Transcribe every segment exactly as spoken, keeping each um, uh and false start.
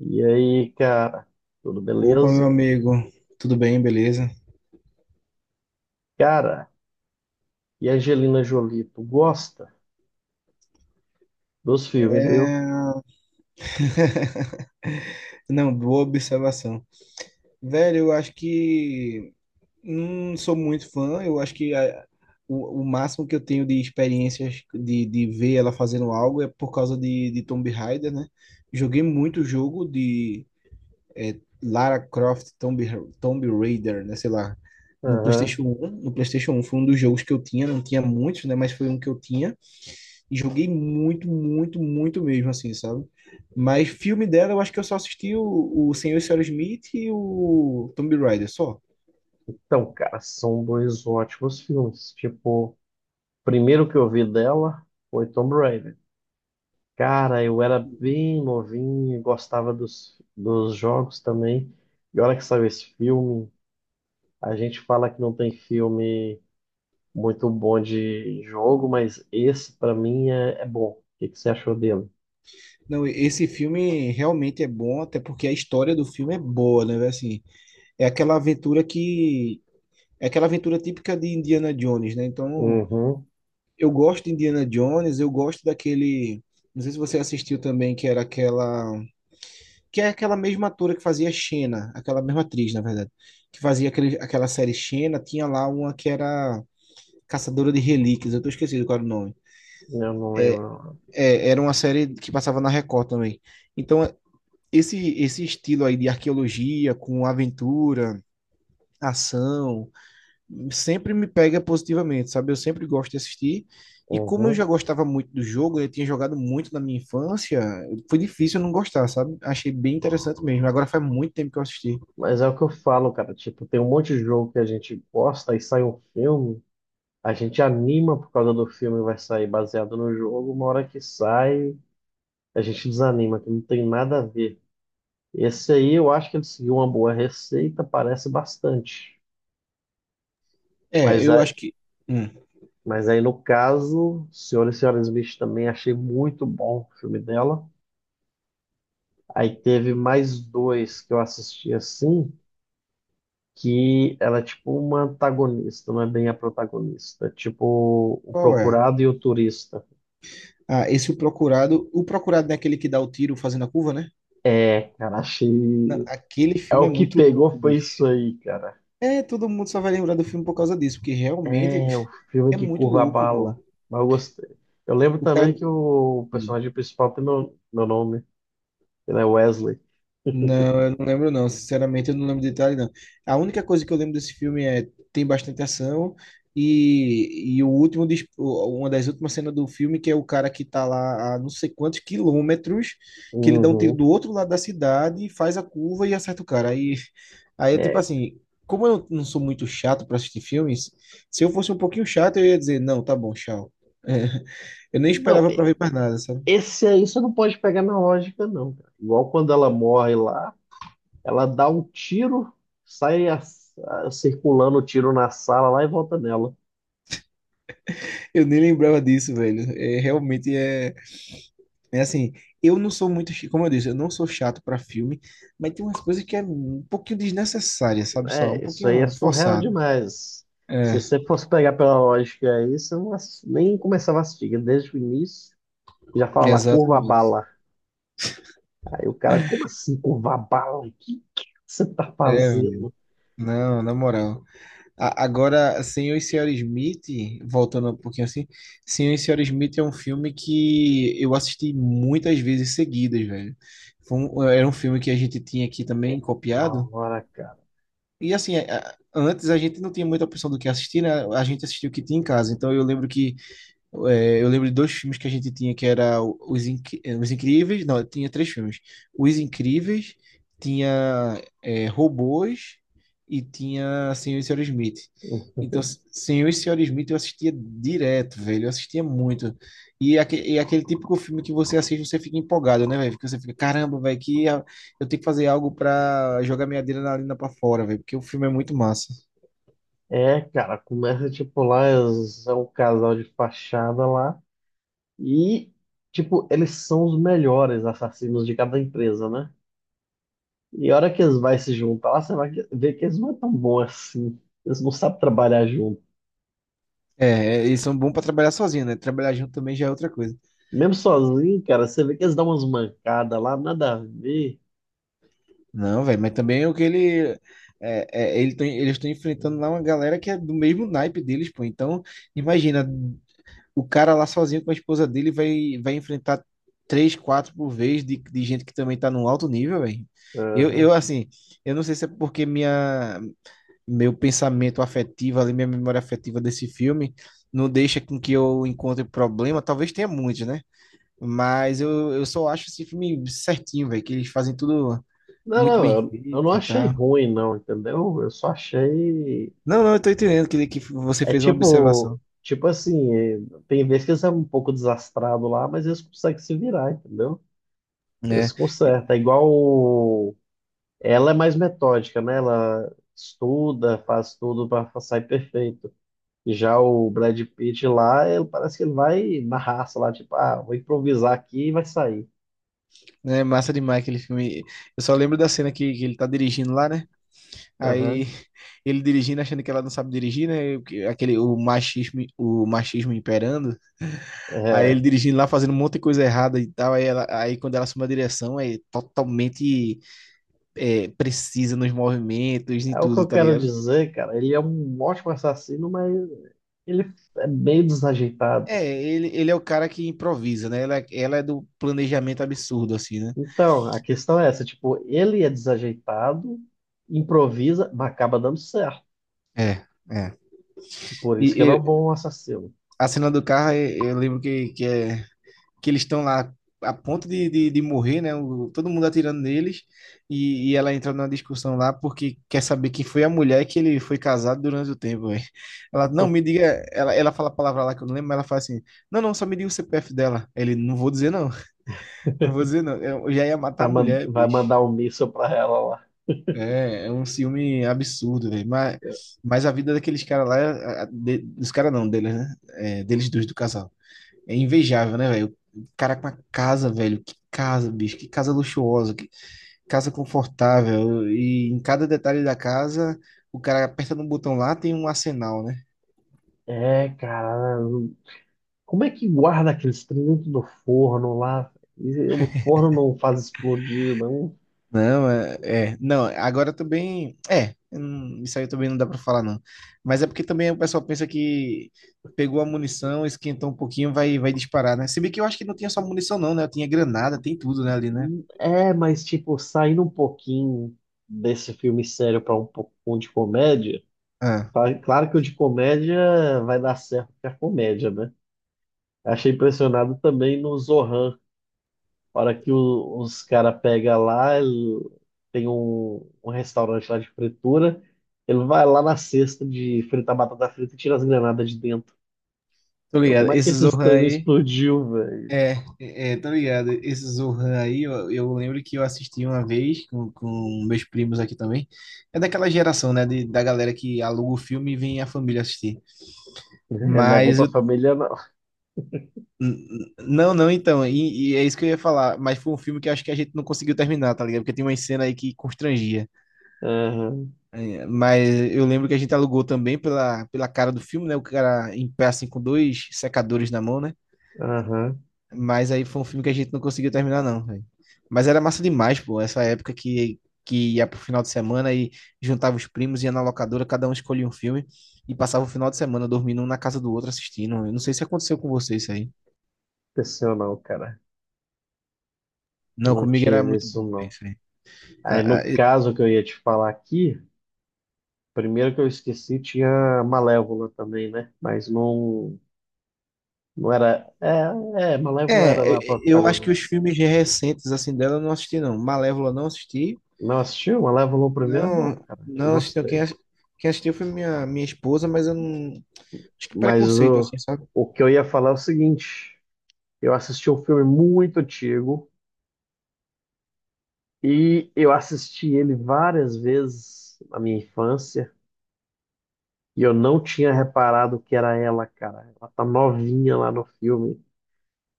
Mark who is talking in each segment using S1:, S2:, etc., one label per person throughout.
S1: E aí, cara, tudo
S2: Opa, meu
S1: beleza?
S2: amigo, tudo bem, beleza?
S1: Cara, e a Angelina Jolie, tu gosta dos filmes, viu?
S2: É, Não, boa observação. Velho, eu acho que não sou muito fã, eu acho que a- o, o máximo que eu tenho de experiências de, de ver ela fazendo algo é por causa de, de Tomb Raider, né? Joguei muito jogo de é, Lara Croft Tomb, Ra- Tomb Raider, né? Sei lá, no PlayStation
S1: Aham.
S2: um No PlayStation um foi um dos jogos que eu tinha, não tinha muitos, né? Mas foi um que eu tinha. E joguei muito, muito, muito mesmo, assim, sabe? Mas filme dela, eu acho que eu só assisti o, o Senhor e Senhora Smith e o Tomb Raider, só.
S1: Então, cara, são dois ótimos filmes. Tipo, o primeiro que eu vi dela foi Tomb Raider. Cara, eu era bem novinho, gostava dos, dos jogos também. E olha que saiu esse filme, a gente fala que não tem filme muito bom de jogo, mas esse pra mim é, é bom. O que que você achou dele?
S2: Não, esse filme realmente é bom, até porque a história do filme é boa, né? velho? Assim, é aquela aventura que... É aquela aventura típica de Indiana Jones, né? Então,
S1: Uhum,
S2: eu gosto de Indiana Jones, eu gosto daquele. Não sei se você assistiu também, que era aquela... que é aquela mesma atora que fazia Xena, aquela mesma atriz, na verdade, que fazia aquele, aquela série Xena, tinha lá uma que era Caçadora de Relíquias, eu tô esquecido qual era o nome.
S1: eu não lembro.
S2: É, era uma série que passava na Record também. Então, esse, esse estilo aí de arqueologia, com aventura, ação, sempre me pega positivamente, sabe? Eu sempre gosto de assistir. E como eu já
S1: Uhum.
S2: gostava muito do jogo, eu tinha jogado muito na minha infância, foi difícil eu não gostar, sabe? Achei bem interessante mesmo. Agora faz muito tempo que eu assisti.
S1: Mas é o que eu falo, cara. Tipo, tem um monte de jogo que a gente gosta e sai um filme, a gente anima por causa do filme, vai sair baseado no jogo. Uma hora que sai, a gente desanima, que não tem nada a ver. Esse aí eu acho que ele seguiu uma boa receita, parece bastante.
S2: É,
S1: Mas
S2: eu
S1: aí,
S2: acho que. hum,
S1: mas aí no caso, Senhora e Senhora Smith também achei muito bom o filme dela. Aí teve mais dois que eu assisti assim, que ela é tipo uma antagonista, não é bem a protagonista. É tipo, o
S2: Qual é?
S1: procurado e o turista.
S2: Ah, esse O Procurado. O Procurado é aquele que dá o tiro fazendo a curva, né?
S1: É, cara,
S2: Não,
S1: achei.
S2: aquele
S1: É
S2: filme é
S1: o que
S2: muito louco,
S1: pegou foi
S2: bicho.
S1: isso aí, cara.
S2: É, todo mundo só vai lembrar do filme por causa disso, porque realmente
S1: É, o filme
S2: é
S1: que
S2: muito
S1: curva a
S2: louco,
S1: bala.
S2: pô.
S1: Mas eu gostei. Eu lembro
S2: O
S1: também
S2: cara.
S1: que o personagem principal tem meu, meu nome, ele é Wesley.
S2: Não, eu não lembro não. Sinceramente, eu não lembro de detalhe não. A única coisa que eu lembro desse filme é tem bastante ação e, e o último dis- o- uma das últimas cenas do filme que é o cara que tá lá a não sei quantos quilômetros que ele dá um tiro
S1: Uhum.
S2: do outro lado da cidade, e faz a curva e acerta o cara. Aí aí é tipo
S1: É.
S2: assim, como eu não sou muito chato para assistir filmes, se eu fosse um pouquinho chato eu ia dizer, não, tá bom, tchau. Eu nem
S1: Não,
S2: esperava para ver mais nada, sabe?
S1: esse aí você não pode pegar na lógica, não, cara. Igual quando ela morre lá. Ela dá um tiro, sai a- a- circulando o tiro na sala lá e volta nela.
S2: Eu nem lembrava disso, velho. É, realmente é. É assim, eu não sou muito, chi- como eu disse, eu não sou chato pra filme, mas tem umas coisas que é um pouquinho desnecessária, sabe? Só? Um
S1: É, isso aí é
S2: pouquinho
S1: surreal
S2: forçada.
S1: demais. Se
S2: É,
S1: você fosse pegar pela lógica aí, você não, ass- nem começava a assistir, porque desde o início já fala lá, curva a
S2: exatamente.
S1: bala. Aí o cara, como assim curva a bala? O que, que você tá
S2: É,
S1: fazendo?
S2: não, na moral. A- agora, Senhor e Senhora Smith, voltando um pouquinho assim, Senhor e Senhora Smith é um filme que eu assisti muitas vezes seguidas, velho. Foi um- era um filme que a gente tinha aqui também
S1: Da
S2: copiado.
S1: hora, cara.
S2: E assim, a- a- antes a gente não tinha muita opção do que assistir, né? A gente assistiu o que tinha em casa. Então eu lembro que. É, eu lembro de dois filmes que a gente tinha, que era o- Os, Inc- eh, Os Incríveis. Não, tinha três filmes. Os Incríveis, tinha é, Robôs e tinha Senhor e Senhora Smith. Então, S- Senhor e Senhora Smith eu assistia direto, velho. Eu assistia muito. E, aque- e aquele típico filme que você assiste, você fica empolgado, né, velho? Porque você fica, caramba, velho, que a- eu tenho que fazer algo pra jogar minha adrenalina pra fora, velho. Porque o filme é muito massa.
S1: É, cara, começa tipo lá, eles- é um casal de fachada lá e, tipo, eles são os melhores assassinos de cada empresa, né? E a hora que eles vão se juntar, lá, você vai ver que eles não é tão bons assim. Eles não sabem trabalhar junto.
S2: É, é, eles são bons pra trabalhar sozinho, né? Trabalhar junto também já é outra coisa.
S1: Mesmo sozinho, cara, você vê que eles dão umas mancadas lá, nada a ver.
S2: Não, velho, mas também é o que ele. É, é, ele tá- eles estão enfrentando lá uma galera que é do mesmo naipe deles, pô. Então, imagina, o cara lá sozinho com a esposa dele vai, vai, enfrentar três, quatro por vez de, de gente que também tá num alto nível, velho. Eu,
S1: Aham.
S2: eu, assim, eu não sei se é porque minha, meu pensamento afetivo ali, minha memória afetiva desse filme não deixa com que eu encontre problema. Talvez tenha muitos, né? Mas eu, eu só acho esse filme certinho, velho, que eles fazem tudo
S1: Não,
S2: muito
S1: não,
S2: bem
S1: eu, eu não
S2: feito,
S1: achei
S2: tá?
S1: ruim, não, entendeu? Eu só achei.
S2: Não, não, eu tô entendendo que, que você
S1: É
S2: fez uma
S1: tipo.
S2: observação,
S1: Tipo assim, é, tem vezes que eles são um pouco desastrados lá, mas eles conseguem se virar, entendeu? Eles
S2: né? É
S1: consertam. É igual. o- Ela é mais metódica, né? Ela estuda, faz tudo para sair perfeito. Já o Brad Pitt lá, ele parece que ele vai na raça lá, tipo, ah, vou improvisar aqui e vai sair.
S2: é massa demais aquele filme. Eu só lembro da cena que, que ele tá dirigindo lá, né? Aí
S1: Aham.
S2: ele dirigindo, achando que ela não sabe dirigir, né? E aquele, o machismo, o machismo imperando. Aí
S1: É,
S2: ele dirigindo lá, fazendo um monte de coisa errada e tal. Aí, ela, aí quando ela assume a direção, é totalmente é, precisa nos movimentos e
S1: é o que
S2: tudo,
S1: eu
S2: tá
S1: quero
S2: ligado?
S1: dizer, cara. Ele é um ótimo assassino, mas ele é meio desajeitado.
S2: É, ele, ele é o cara que improvisa, né? Ela, ela é do planejamento absurdo, assim, né?
S1: Então, a questão é essa, tipo, ele é desajeitado, improvisa, mas acaba dando certo.
S2: É, é.
S1: Por
S2: E,
S1: isso que
S2: e
S1: ele é um bom assassino.
S2: a cena do carro, eu, eu lembro que, que, é, que eles estão lá a ponto de, de, de morrer, né? O- todo mundo atirando neles. E, e ela entra numa discussão lá porque quer saber quem foi a mulher que ele foi casado durante o tempo. Véi. Ela, não, me diga. Ela, ela fala a palavra lá que eu não lembro, mas ela fala assim: não, não, só me diga o C P F dela. Ele, não vou dizer não, não vou dizer não. Eu já ia matar
S1: Vai
S2: a
S1: man-
S2: mulher,
S1: vai
S2: bicho.
S1: mandar um míssil pra ela lá.
S2: É, é um ciúme absurdo, velho. Mas, mas a vida daqueles caras lá, a- a- de- dos caras não, deles, né? É, deles dois do casal. É invejável, né, velho? O cara com uma casa, velho. Que casa, bicho. Que casa luxuosa. Que casa confortável. E em cada detalhe da casa, o cara aperta no botão lá, tem um arsenal, né?
S1: É, cara, como é que guarda aqueles trem dentro do forno lá? E o forno não faz explodir, não.
S2: Não, é, é. Não, agora também. É, hum, isso aí também não dá pra falar, não. Mas é porque também o pessoal pensa que pegou a munição, esquentou um pouquinho, vai, vai, disparar, né? Se bem que eu acho que não tinha só munição, não, né? Eu tinha granada, tem tudo, né, ali, né?
S1: É, mas tipo, saindo um pouquinho desse filme sério para um pouco de comédia,
S2: Ah,
S1: tá- claro que o de comédia vai dar certo porque é comédia, né? Achei impressionado também no Zohan, a hora que o- os caras pegam lá, ele- tem um, um restaurante lá de fritura, ele vai lá na cesta de fritar batata frita e tira as granadas de dentro.
S2: tô
S1: Eu
S2: ligado.
S1: Como é que
S2: Esse
S1: esses
S2: Zohan
S1: treinos
S2: aí.
S1: explodiu, velho?
S2: É, é, tá ligado. Esse Zohan aí, eu, eu lembro que eu assisti uma vez com, com meus primos aqui também. É daquela geração, né? de- da galera que aluga o filme e vem a família assistir.
S1: É, não é bom
S2: Mas
S1: pra
S2: eu
S1: família, não.
S2: N- não, não, então, e, e é isso que eu ia falar, mas foi um filme que eu acho que a gente não conseguiu terminar, tá ligado? Porque tem uma cena aí que constrangia.
S1: Aham,
S2: É, mas eu lembro que a gente alugou também pela, pela cara do filme, né? O cara em pé assim com dois secadores na mão, né?
S1: aham.
S2: Mas aí foi um filme que a gente não conseguiu terminar, não, velho. Mas era massa demais, pô, essa época que, que ia pro final de semana e juntava os primos, ia na locadora, cada um escolhia um filme e passava o final de semana dormindo um na casa do outro assistindo. Eu não sei se aconteceu com você isso aí.
S1: Aconteceu não, cara.
S2: Não,
S1: Não
S2: comigo era
S1: tive
S2: muito
S1: isso,
S2: bom, velho,
S1: não.
S2: isso aí.
S1: Aí, no caso que eu ia te falar aqui, primeiro que eu esqueci, tinha Malévola também, né? Mas não, não era... É, é, Malévola era
S2: É,
S1: lá pra
S2: eu acho que os
S1: protagonista.
S2: filmes recentes assim dela eu não assisti não. Malévola não assisti.
S1: Não assistiu? Malévola o primeiro é bom,
S2: Não,
S1: cara. Eu
S2: não assisti. Não. Quem,
S1: gostei.
S2: ass- quem assistiu foi minha, minha esposa, mas eu não. Acho que
S1: Mas
S2: preconceito
S1: o,
S2: assim, sabe?
S1: o que eu ia falar é o seguinte. Eu assisti um filme muito antigo, e eu assisti ele várias vezes na minha infância e eu não tinha reparado que era ela, cara. Ela tá novinha lá no filme.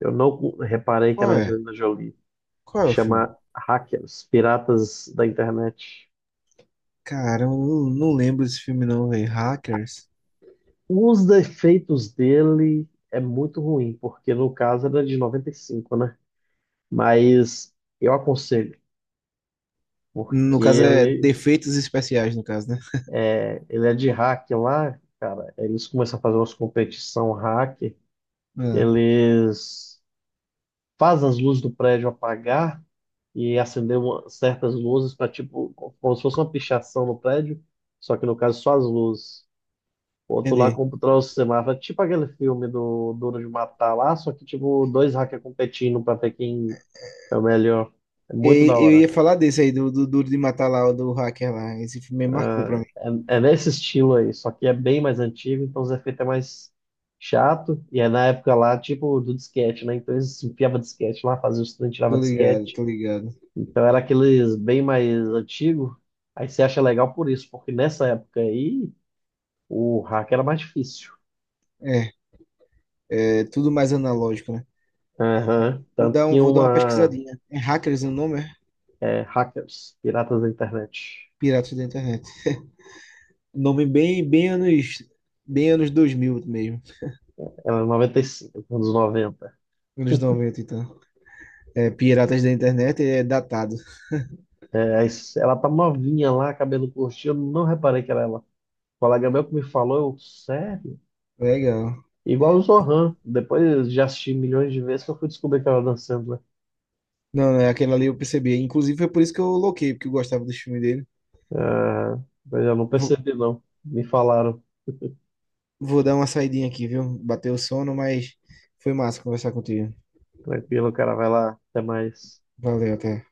S1: Eu não reparei que era a
S2: Qual é?
S1: Angelina Jolie.
S2: Qual é o filme?
S1: Chama Hackers, Piratas da Internet.
S2: Cara, eu não, não lembro desse filme não, velho. Hackers.
S1: Os defeitos dele é muito ruim, porque no caso era de noventa e cinco, né? Mas eu aconselho,
S2: No
S1: porque
S2: caso é
S1: ele,
S2: Defeitos Especiais, no caso, né?
S1: é, ele é de hack lá, cara. Eles começam a fazer umas competição hack.
S2: Ah,
S1: Eles fazem as luzes do prédio apagar e acender uma- certas luzes para tipo, como se fosse uma pichação no prédio, só que no caso só as luzes. O outro lá
S2: entendi.
S1: controla o semáforo, tipo aquele filme do Duro de Matar lá, só que tipo dois hackers competindo para ver quem é o melhor. É muito
S2: E,
S1: da
S2: eu
S1: hora.
S2: ia falar desse aí, do, do Duro de Matar lá, o do hacker lá. Esse filme marcou pra mim.
S1: É, é, é nesse estilo aí, só que é bem mais antigo, então os efeitos é mais chato. E é na época lá, tipo, do disquete, né? Então eles enfiavam disquete lá, faziam os trem, tirava
S2: Tô ligado,
S1: disquete.
S2: tô ligado.
S1: Então era aqueles bem mais antigo. Aí você acha legal por isso, porque nessa época aí o hack era mais difícil.
S2: É, é tudo mais analógico, né?
S1: Aham.
S2: Vou
S1: Tanto
S2: dar, um,
S1: que
S2: vou dar uma
S1: uma
S2: pesquisadinha. É Hackers o nome? É?
S1: é, Hackers, Piratas da Internet,
S2: Piratas da Internet. Nome bem, bem anos. Bem anos dois mil mesmo.
S1: era noventa e cinco, anos noventa.
S2: Anos noventa, então. É, Piratas da Internet é datado.
S1: É, aí ela tá novinha lá, cabelo curtinho, eu não reparei que era ela. O colega meu que me falou, eu, sério?
S2: Legal.
S1: Igual o Zohan. Depois já assisti milhões de vezes que eu fui descobrir que ela dançando, né?
S2: Não, não, é aquela ali eu percebi. Inclusive foi por isso que eu loquei, porque eu gostava do filme dele.
S1: Ah, mas eu não
S2: Vou,
S1: percebi, não. Me falaram,
S2: vou dar uma saidinha aqui, viu? Bateu o sono, mas foi massa conversar contigo.
S1: tranquilo, cara, vai lá, até mais.
S2: Valeu, até.